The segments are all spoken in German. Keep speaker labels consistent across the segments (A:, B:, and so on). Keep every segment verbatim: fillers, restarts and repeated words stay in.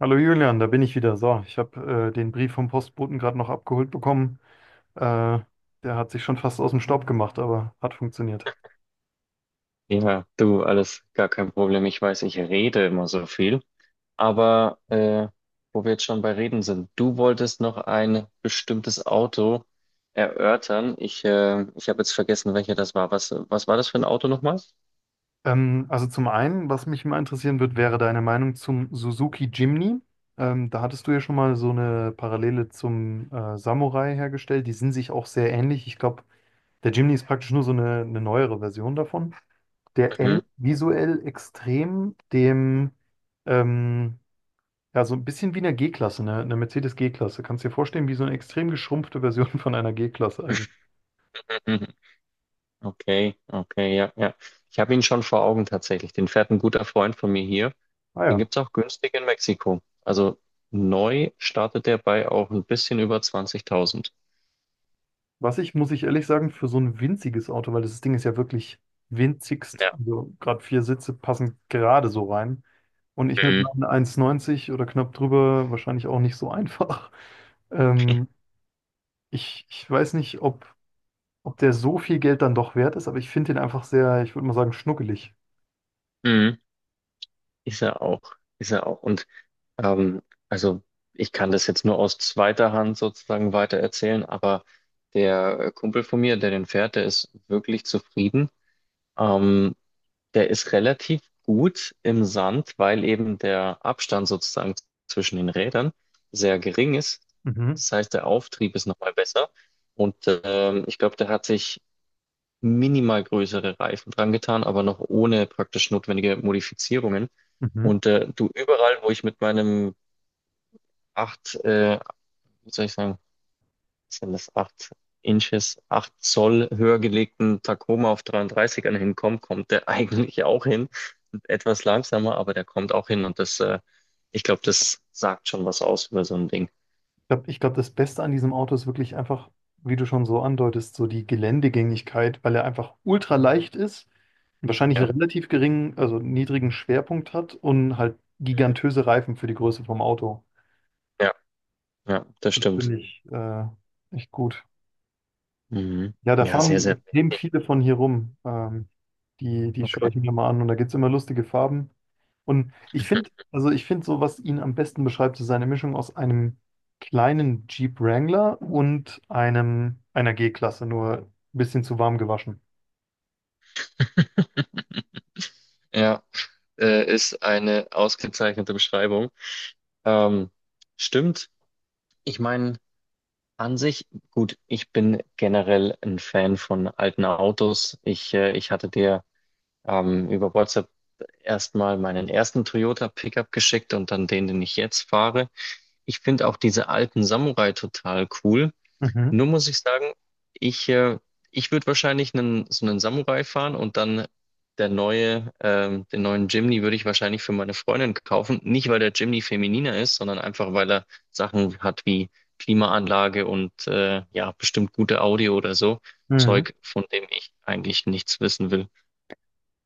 A: Hallo Julian, da bin ich wieder. So, ich habe äh, den Brief vom Postboten gerade noch abgeholt bekommen. Äh, Der hat sich schon fast aus dem Staub gemacht, aber hat funktioniert.
B: Ja, du, alles gar kein Problem. Ich weiß, ich rede immer so viel. Aber äh, Wo wir jetzt schon bei Reden sind, du wolltest noch ein bestimmtes Auto erörtern. Ich, äh, ich habe jetzt vergessen, welcher das war. Was, was war das für ein Auto nochmal?
A: Ähm, also zum einen, was mich mal interessieren wird, wäre deine Meinung zum Suzuki Jimny. Ähm, da hattest du ja schon mal so eine Parallele zum äh, Samurai hergestellt. Die sind sich auch sehr ähnlich. Ich glaube, der Jimny ist praktisch nur so eine, eine neuere Version davon. Der
B: Mhm.
A: ähnelt visuell extrem dem ähm, ja, so ein bisschen wie eine G-Klasse, ne? Eine Mercedes G-Klasse. Kannst dir vorstellen, wie so eine extrem geschrumpfte Version von einer G-Klasse eigentlich.
B: Mhm. Okay, okay, ja, ja. Ich habe ihn schon vor Augen tatsächlich. Den fährt ein guter Freund von mir hier.
A: Ah
B: Den
A: ja.
B: gibt's auch günstig in Mexiko. Also neu startet der bei auch ein bisschen über zwanzigtausend.
A: Was ich, muss ich ehrlich sagen, für so ein winziges Auto, weil das Ding ist ja wirklich winzigst,
B: Ja.
A: also gerade vier Sitze passen gerade so rein. Und ich mit
B: Mhm.
A: meinen eins Meter neunzig oder knapp drüber wahrscheinlich auch nicht so einfach. Ähm, ich, ich weiß nicht, ob, ob der so viel Geld dann doch wert ist, aber ich finde den einfach sehr, ich würde mal sagen, schnuckelig.
B: Mhm. Ist er auch, ist er auch. Und ähm, also ich kann das jetzt nur aus zweiter Hand sozusagen weiter erzählen, aber der äh, Kumpel von mir, der den fährt, der ist wirklich zufrieden. Ähm, Der ist relativ gut im Sand, weil eben der Abstand sozusagen zwischen den Rädern sehr gering ist.
A: Mhm.
B: Das heißt, der Auftrieb ist nochmal besser. Und ähm, ich glaube, der hat sich minimal größere Reifen dran getan, aber noch ohne praktisch notwendige Modifizierungen.
A: Mhm.
B: Und äh, du überall, wo ich mit meinem acht, äh, wie soll ich sagen, was sind das acht Inches, acht Zoll höher gelegten Tacoma auf dreiunddreißigern ern hinkomme, kommt der eigentlich auch hin. Etwas langsamer, aber der kommt auch hin. Und das, äh, ich glaube, das sagt schon was aus über so ein Ding.
A: Glaub, ich glaube, das Beste an diesem Auto ist wirklich einfach, wie du schon so andeutest, so die Geländegängigkeit, weil er einfach ultra leicht ist, wahrscheinlich einen
B: Ja,
A: relativ geringen, also niedrigen Schwerpunkt hat und halt gigantöse Reifen für die Größe vom Auto.
B: ja, ja, das
A: Das
B: stimmt.
A: finde ich äh, echt gut.
B: Mhm.
A: Ja, da
B: Ja, sehr, sehr
A: fahren eben
B: windig.
A: viele von hier rum. Ähm, die, die schaue
B: Okay.
A: ich mir mal an und da gibt es immer lustige Farben. Und ich finde, also ich finde so, was ihn am besten beschreibt, ist seine Mischung aus einem kleinen Jeep Wrangler und einem einer G-Klasse, nur ein bisschen zu warm gewaschen.
B: Ja, äh, ist eine ausgezeichnete Beschreibung. Ähm, stimmt. Ich meine, an sich, gut, ich bin generell ein Fan von alten Autos. Ich, äh, ich hatte dir ähm, über WhatsApp erstmal meinen ersten Toyota Pickup geschickt und dann den, den ich jetzt fahre. Ich finde auch diese alten Samurai total cool.
A: Mhm.
B: Nur muss ich sagen, ich, äh, ich würde wahrscheinlich einen, so einen Samurai fahren und dann der neue, ähm, den neuen Jimny würde ich wahrscheinlich für meine Freundin kaufen. Nicht, weil der Jimny femininer ist, sondern einfach, weil er Sachen hat wie Klimaanlage und äh, ja, bestimmt gute Audio oder so.
A: Mhm.
B: Zeug, von dem ich eigentlich nichts wissen will.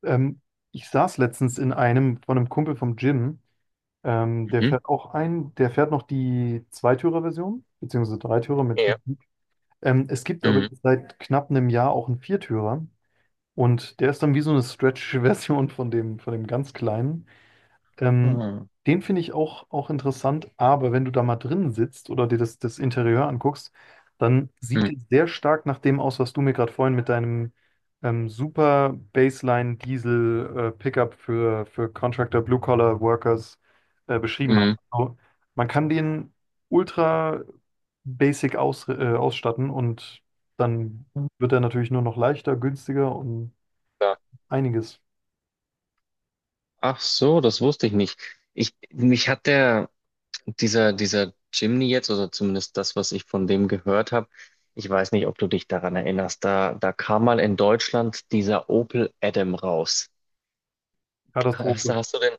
A: Ähm, Ich saß letztens in einem von einem Kumpel vom Gym, ähm, der
B: Mhm.
A: fährt auch ein, der fährt noch die Zweitürer-Version, beziehungsweise Dreitürer mit.
B: Ja.
A: Ähm, es gibt aber
B: Mhm.
A: jetzt seit knapp einem Jahr auch einen Viertürer und der ist dann wie so eine Stretch-Version von dem, von dem ganz kleinen. Ähm,
B: Mhm.
A: Den finde ich auch, auch interessant, aber wenn du da mal drin sitzt oder dir das, das Interieur anguckst, dann sieht es sehr stark nach dem aus, was du mir gerade vorhin mit deinem ähm, super Baseline Diesel äh, Pickup für, für Contractor Blue Collar Workers äh, beschrieben hast.
B: Mhm.
A: Also, man kann den ultra basic aus, äh, ausstatten und dann
B: Mhm.
A: wird er natürlich nur noch leichter, günstiger und
B: Ja.
A: einiges.
B: Ach so, das wusste ich nicht. Ich, mich hat der. Dieser, dieser Jimny jetzt, oder zumindest das, was ich von dem gehört habe, ich weiß nicht, ob du dich daran erinnerst, da, da kam mal in Deutschland dieser Opel Adam raus. Hast,
A: Katastrophe.
B: du- hast du den,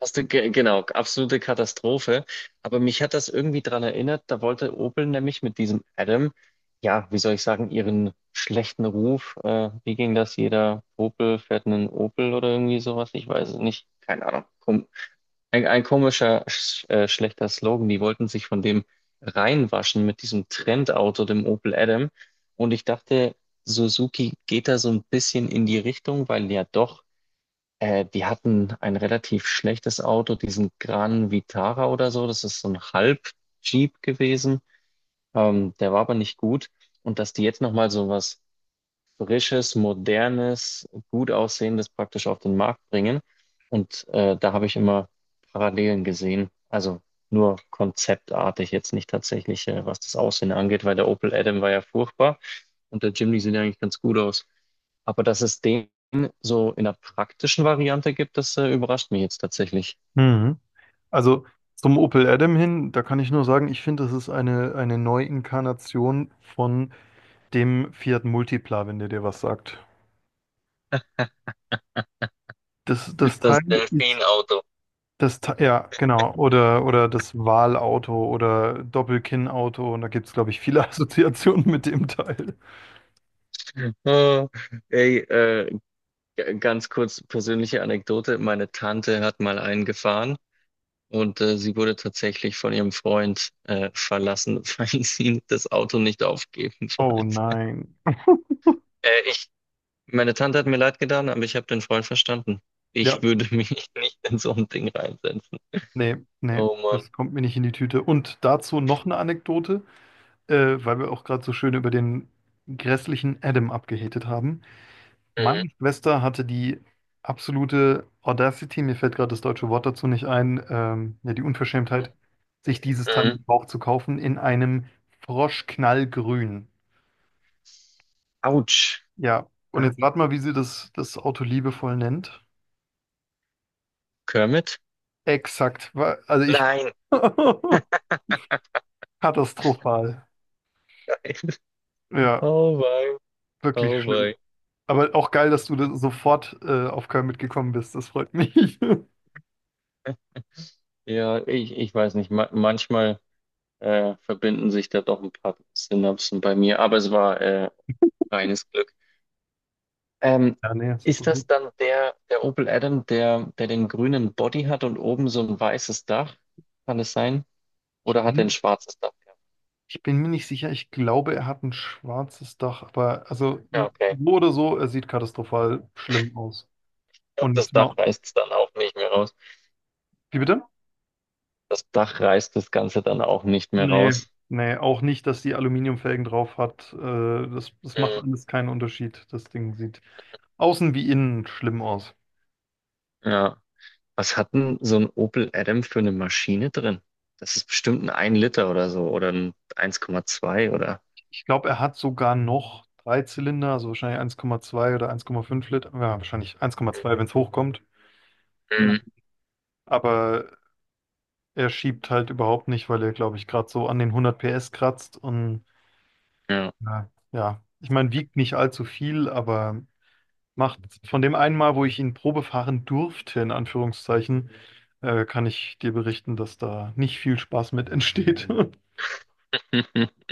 B: hast du, ge- Genau, absolute Katastrophe. Aber mich hat das irgendwie daran erinnert, da wollte Opel nämlich mit diesem Adam, ja, wie soll ich sagen, ihren schlechten Ruf, äh, wie ging das? Jeder Opel fährt einen Opel oder irgendwie sowas, ich weiß es nicht, keine Ahnung. Ein, ein komischer, sch äh, schlechter Slogan. Die wollten sich von dem reinwaschen mit diesem Trendauto, dem Opel Adam. Und ich dachte, Suzuki geht da so ein bisschen in die Richtung, weil ja doch, äh, die hatten ein relativ schlechtes Auto, diesen Gran Vitara oder so. Das ist so ein Halb-Jeep gewesen. Ähm, der war aber nicht gut. Und dass die jetzt nochmal so was frisches, modernes, gut aussehendes praktisch auf den Markt bringen. Und äh, da habe ich immer Parallelen gesehen. Also nur konzeptartig, jetzt nicht tatsächlich, äh, was das Aussehen angeht, weil der Opel Adam war ja furchtbar und der Jimny sieht ja eigentlich ganz gut aus. Aber dass es den so in der praktischen Variante gibt, das äh, überrascht mich jetzt tatsächlich.
A: Mhm. Also zum Opel Adam hin, da kann ich nur sagen, ich finde, das ist eine, eine Neuinkarnation von dem Fiat Multipla, wenn der dir was sagt. Das, das Teil
B: Das
A: ist,
B: Delfin-Auto.
A: das, Te- ja, genau, oder, oder das Wahlauto oder Doppelkinnauto, und da gibt es, glaube ich, viele Assoziationen mit dem Teil.
B: Oh, ey, äh, g- ganz kurz persönliche Anekdote. Meine Tante hat mal einen gefahren. Und äh, sie wurde tatsächlich von ihrem Freund äh, verlassen, weil sie das Auto nicht aufgeben
A: Oh
B: wollte.
A: nein.
B: Äh, ich, meine Tante hat mir leid getan, aber ich habe den Freund verstanden. Ich
A: Ja,
B: würde mich nicht in so ein Ding reinsetzen.
A: nee, nee,
B: Oh Mann.
A: das kommt mir nicht in die Tüte. Und dazu noch eine Anekdote, äh, weil wir auch gerade so schön über den grässlichen Adam abgehatet haben.
B: Mhm.
A: Meine Schwester hatte die absolute Audacity, mir fällt gerade das deutsche Wort dazu nicht ein, ähm, ja, die Unverschämtheit, sich dieses Teil
B: Mhm.
A: gebraucht zu kaufen in einem Froschknallgrün.
B: Autsch.
A: Ja, und
B: Au,
A: jetzt rat mal, wie sie das, das Auto liebevoll nennt.
B: Kermit?
A: Exakt, wa- also ich.
B: Nein.
A: Katastrophal. Ja,
B: Oh wei.
A: wirklich
B: Oh wei.
A: schlimm. Aber auch geil, dass du da sofort äh, auf Köln mitgekommen bist, das freut mich.
B: Ja, ich, ich weiß nicht. Ma Manchmal äh, verbinden sich da doch ein paar Synapsen bei mir, aber es war äh, reines Glück. Ähm,
A: Ja, nee, super
B: Ist
A: gut.
B: das dann der, der Opel Adam, der, der den grünen Body hat und oben so ein weißes Dach? Kann es sein? Oder hat er ein
A: Mhm.
B: schwarzes Dach gehabt?
A: Ich bin mir nicht sicher. Ich glaube, er hat ein schwarzes Dach, aber also
B: Ja,
A: n-
B: okay.
A: so oder so, er sieht katastrophal schlimm aus.
B: Ich glaube, das
A: Und
B: Dach
A: ma-
B: reißt es dann auch nicht mehr raus.
A: wie bitte?
B: Das Dach reißt das Ganze dann auch nicht mehr
A: Nee,
B: raus.
A: nee, auch nicht, dass die Aluminiumfelgen drauf hat. Äh, das, das macht
B: Mhm.
A: alles keinen Unterschied. Das Ding sieht außen wie innen schlimm aus.
B: Ja. Was hat denn so ein Opel Adam für eine Maschine drin? Das ist bestimmt ein 1 Liter oder so oder ein eins Komma zwei oder.
A: Ich glaube, er hat sogar noch drei Zylinder, also wahrscheinlich eins Komma zwei oder eins Komma fünf Liter. Ja, wahrscheinlich eins Komma zwei, wenn es hochkommt. Ja.
B: Mhm.
A: Aber er schiebt halt überhaupt nicht, weil er, glaube ich, gerade so an den hundert P S kratzt und
B: Ja.
A: ja, ja. Ich meine, wiegt nicht allzu viel, aber macht von dem einen Mal, wo ich ihn probefahren durfte, in Anführungszeichen, äh, kann ich dir berichten, dass da nicht viel Spaß mit entsteht.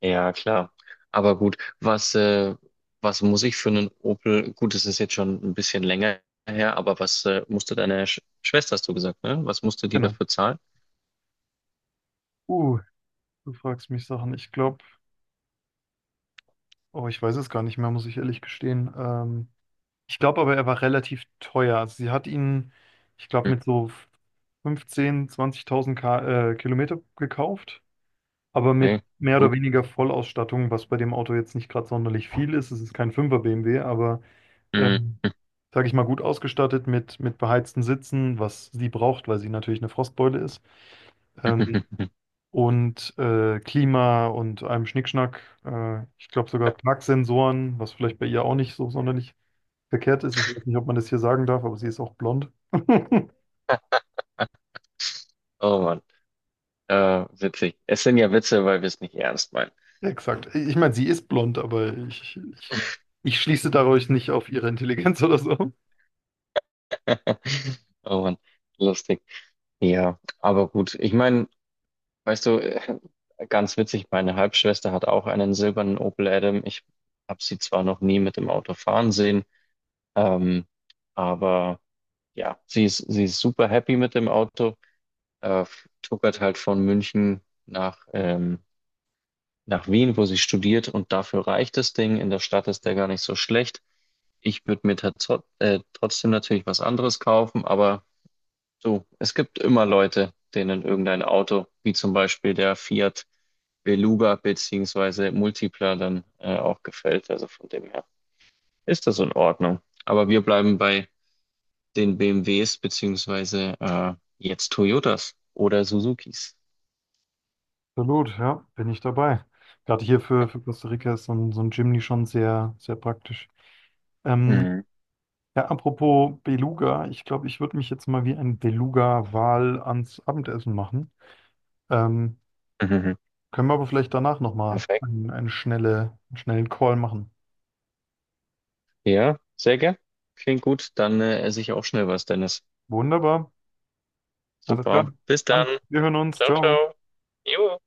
B: Ja, klar. Aber gut, was, äh, was muss ich für einen Opel? Gut, es ist jetzt schon ein bisschen länger her, aber was äh, musste deine Sch Schwester, hast du gesagt, ne? Was musste die
A: Genau.
B: dafür zahlen?
A: Uh, du fragst mich Sachen. Ich glaube, oh, ich weiß es gar nicht mehr, muss ich ehrlich gestehen. Ähm, ich glaube aber, er war relativ teuer. Also sie hat ihn, ich glaube,
B: Hm,
A: mit so fünfzehn, zwanzigtausend Ka äh, Kilometer gekauft, aber mit
B: okay,
A: mehr oder
B: gut.
A: weniger Vollausstattung, was bei dem Auto jetzt nicht gerade sonderlich viel ist. Es ist kein fünfer B M W, aber
B: Hm.
A: ähm, sage ich mal, gut ausgestattet mit, mit beheizten Sitzen, was sie braucht, weil sie natürlich eine Frostbeule ist. Ähm, und äh, Klima und einem Schnickschnack. Äh, ich glaube sogar
B: Ja,
A: Parksensoren, was vielleicht bei ihr auch nicht so sonderlich verkehrt ist. Ich weiß nicht, ob man das hier sagen darf, aber sie ist auch blond.
B: oh Mann, äh, witzig. Es sind ja Witze, weil wir es nicht ernst meinen.
A: Exakt. Ich meine, sie ist blond, aber ich, ich, ich schließe dadurch nicht auf ihre Intelligenz oder so.
B: Oh Mann, lustig. Ja, aber gut. Ich meine, weißt du, äh, ganz witzig, meine Halbschwester hat auch einen silbernen Opel Adam. Ich habe sie zwar noch nie mit dem Auto fahren sehen. Ähm, aber ja, sie ist, sie ist super happy mit dem Auto, äh, tuckert halt von München nach, ähm, nach Wien, wo sie studiert und dafür reicht das Ding. In der Stadt ist der gar nicht so schlecht. Ich würde mir tats- äh, trotzdem natürlich was anderes kaufen, aber so, es gibt immer Leute, denen irgendein Auto, wie zum Beispiel der Fiat Beluga beziehungsweise Multipla dann äh, auch gefällt. Also von dem her ist das in Ordnung. Aber wir bleiben bei den B M Ws beziehungsweise äh, jetzt Toyotas oder Suzukis.
A: Absolut, ja, bin ich dabei. Gerade hier für, für Costa Rica ist so ein, so ein Jimny schon sehr, sehr praktisch. Ähm,
B: Mhm.
A: ja, apropos Beluga, ich glaube, ich würde mich jetzt mal wie ein Beluga-Wal ans Abendessen machen. Ähm,
B: Mhm.
A: Können wir aber vielleicht danach nochmal
B: Perfekt.
A: einen, einen, schnelle, einen schnellen Call machen.
B: Ja, sehr gern. Klingt gut. Dann äh, esse ich auch schnell was, Dennis.
A: Wunderbar, alles klar.
B: Super. Bis
A: Dann,
B: dann.
A: wir hören uns,
B: Ciao,
A: ciao.
B: ciao. Jo.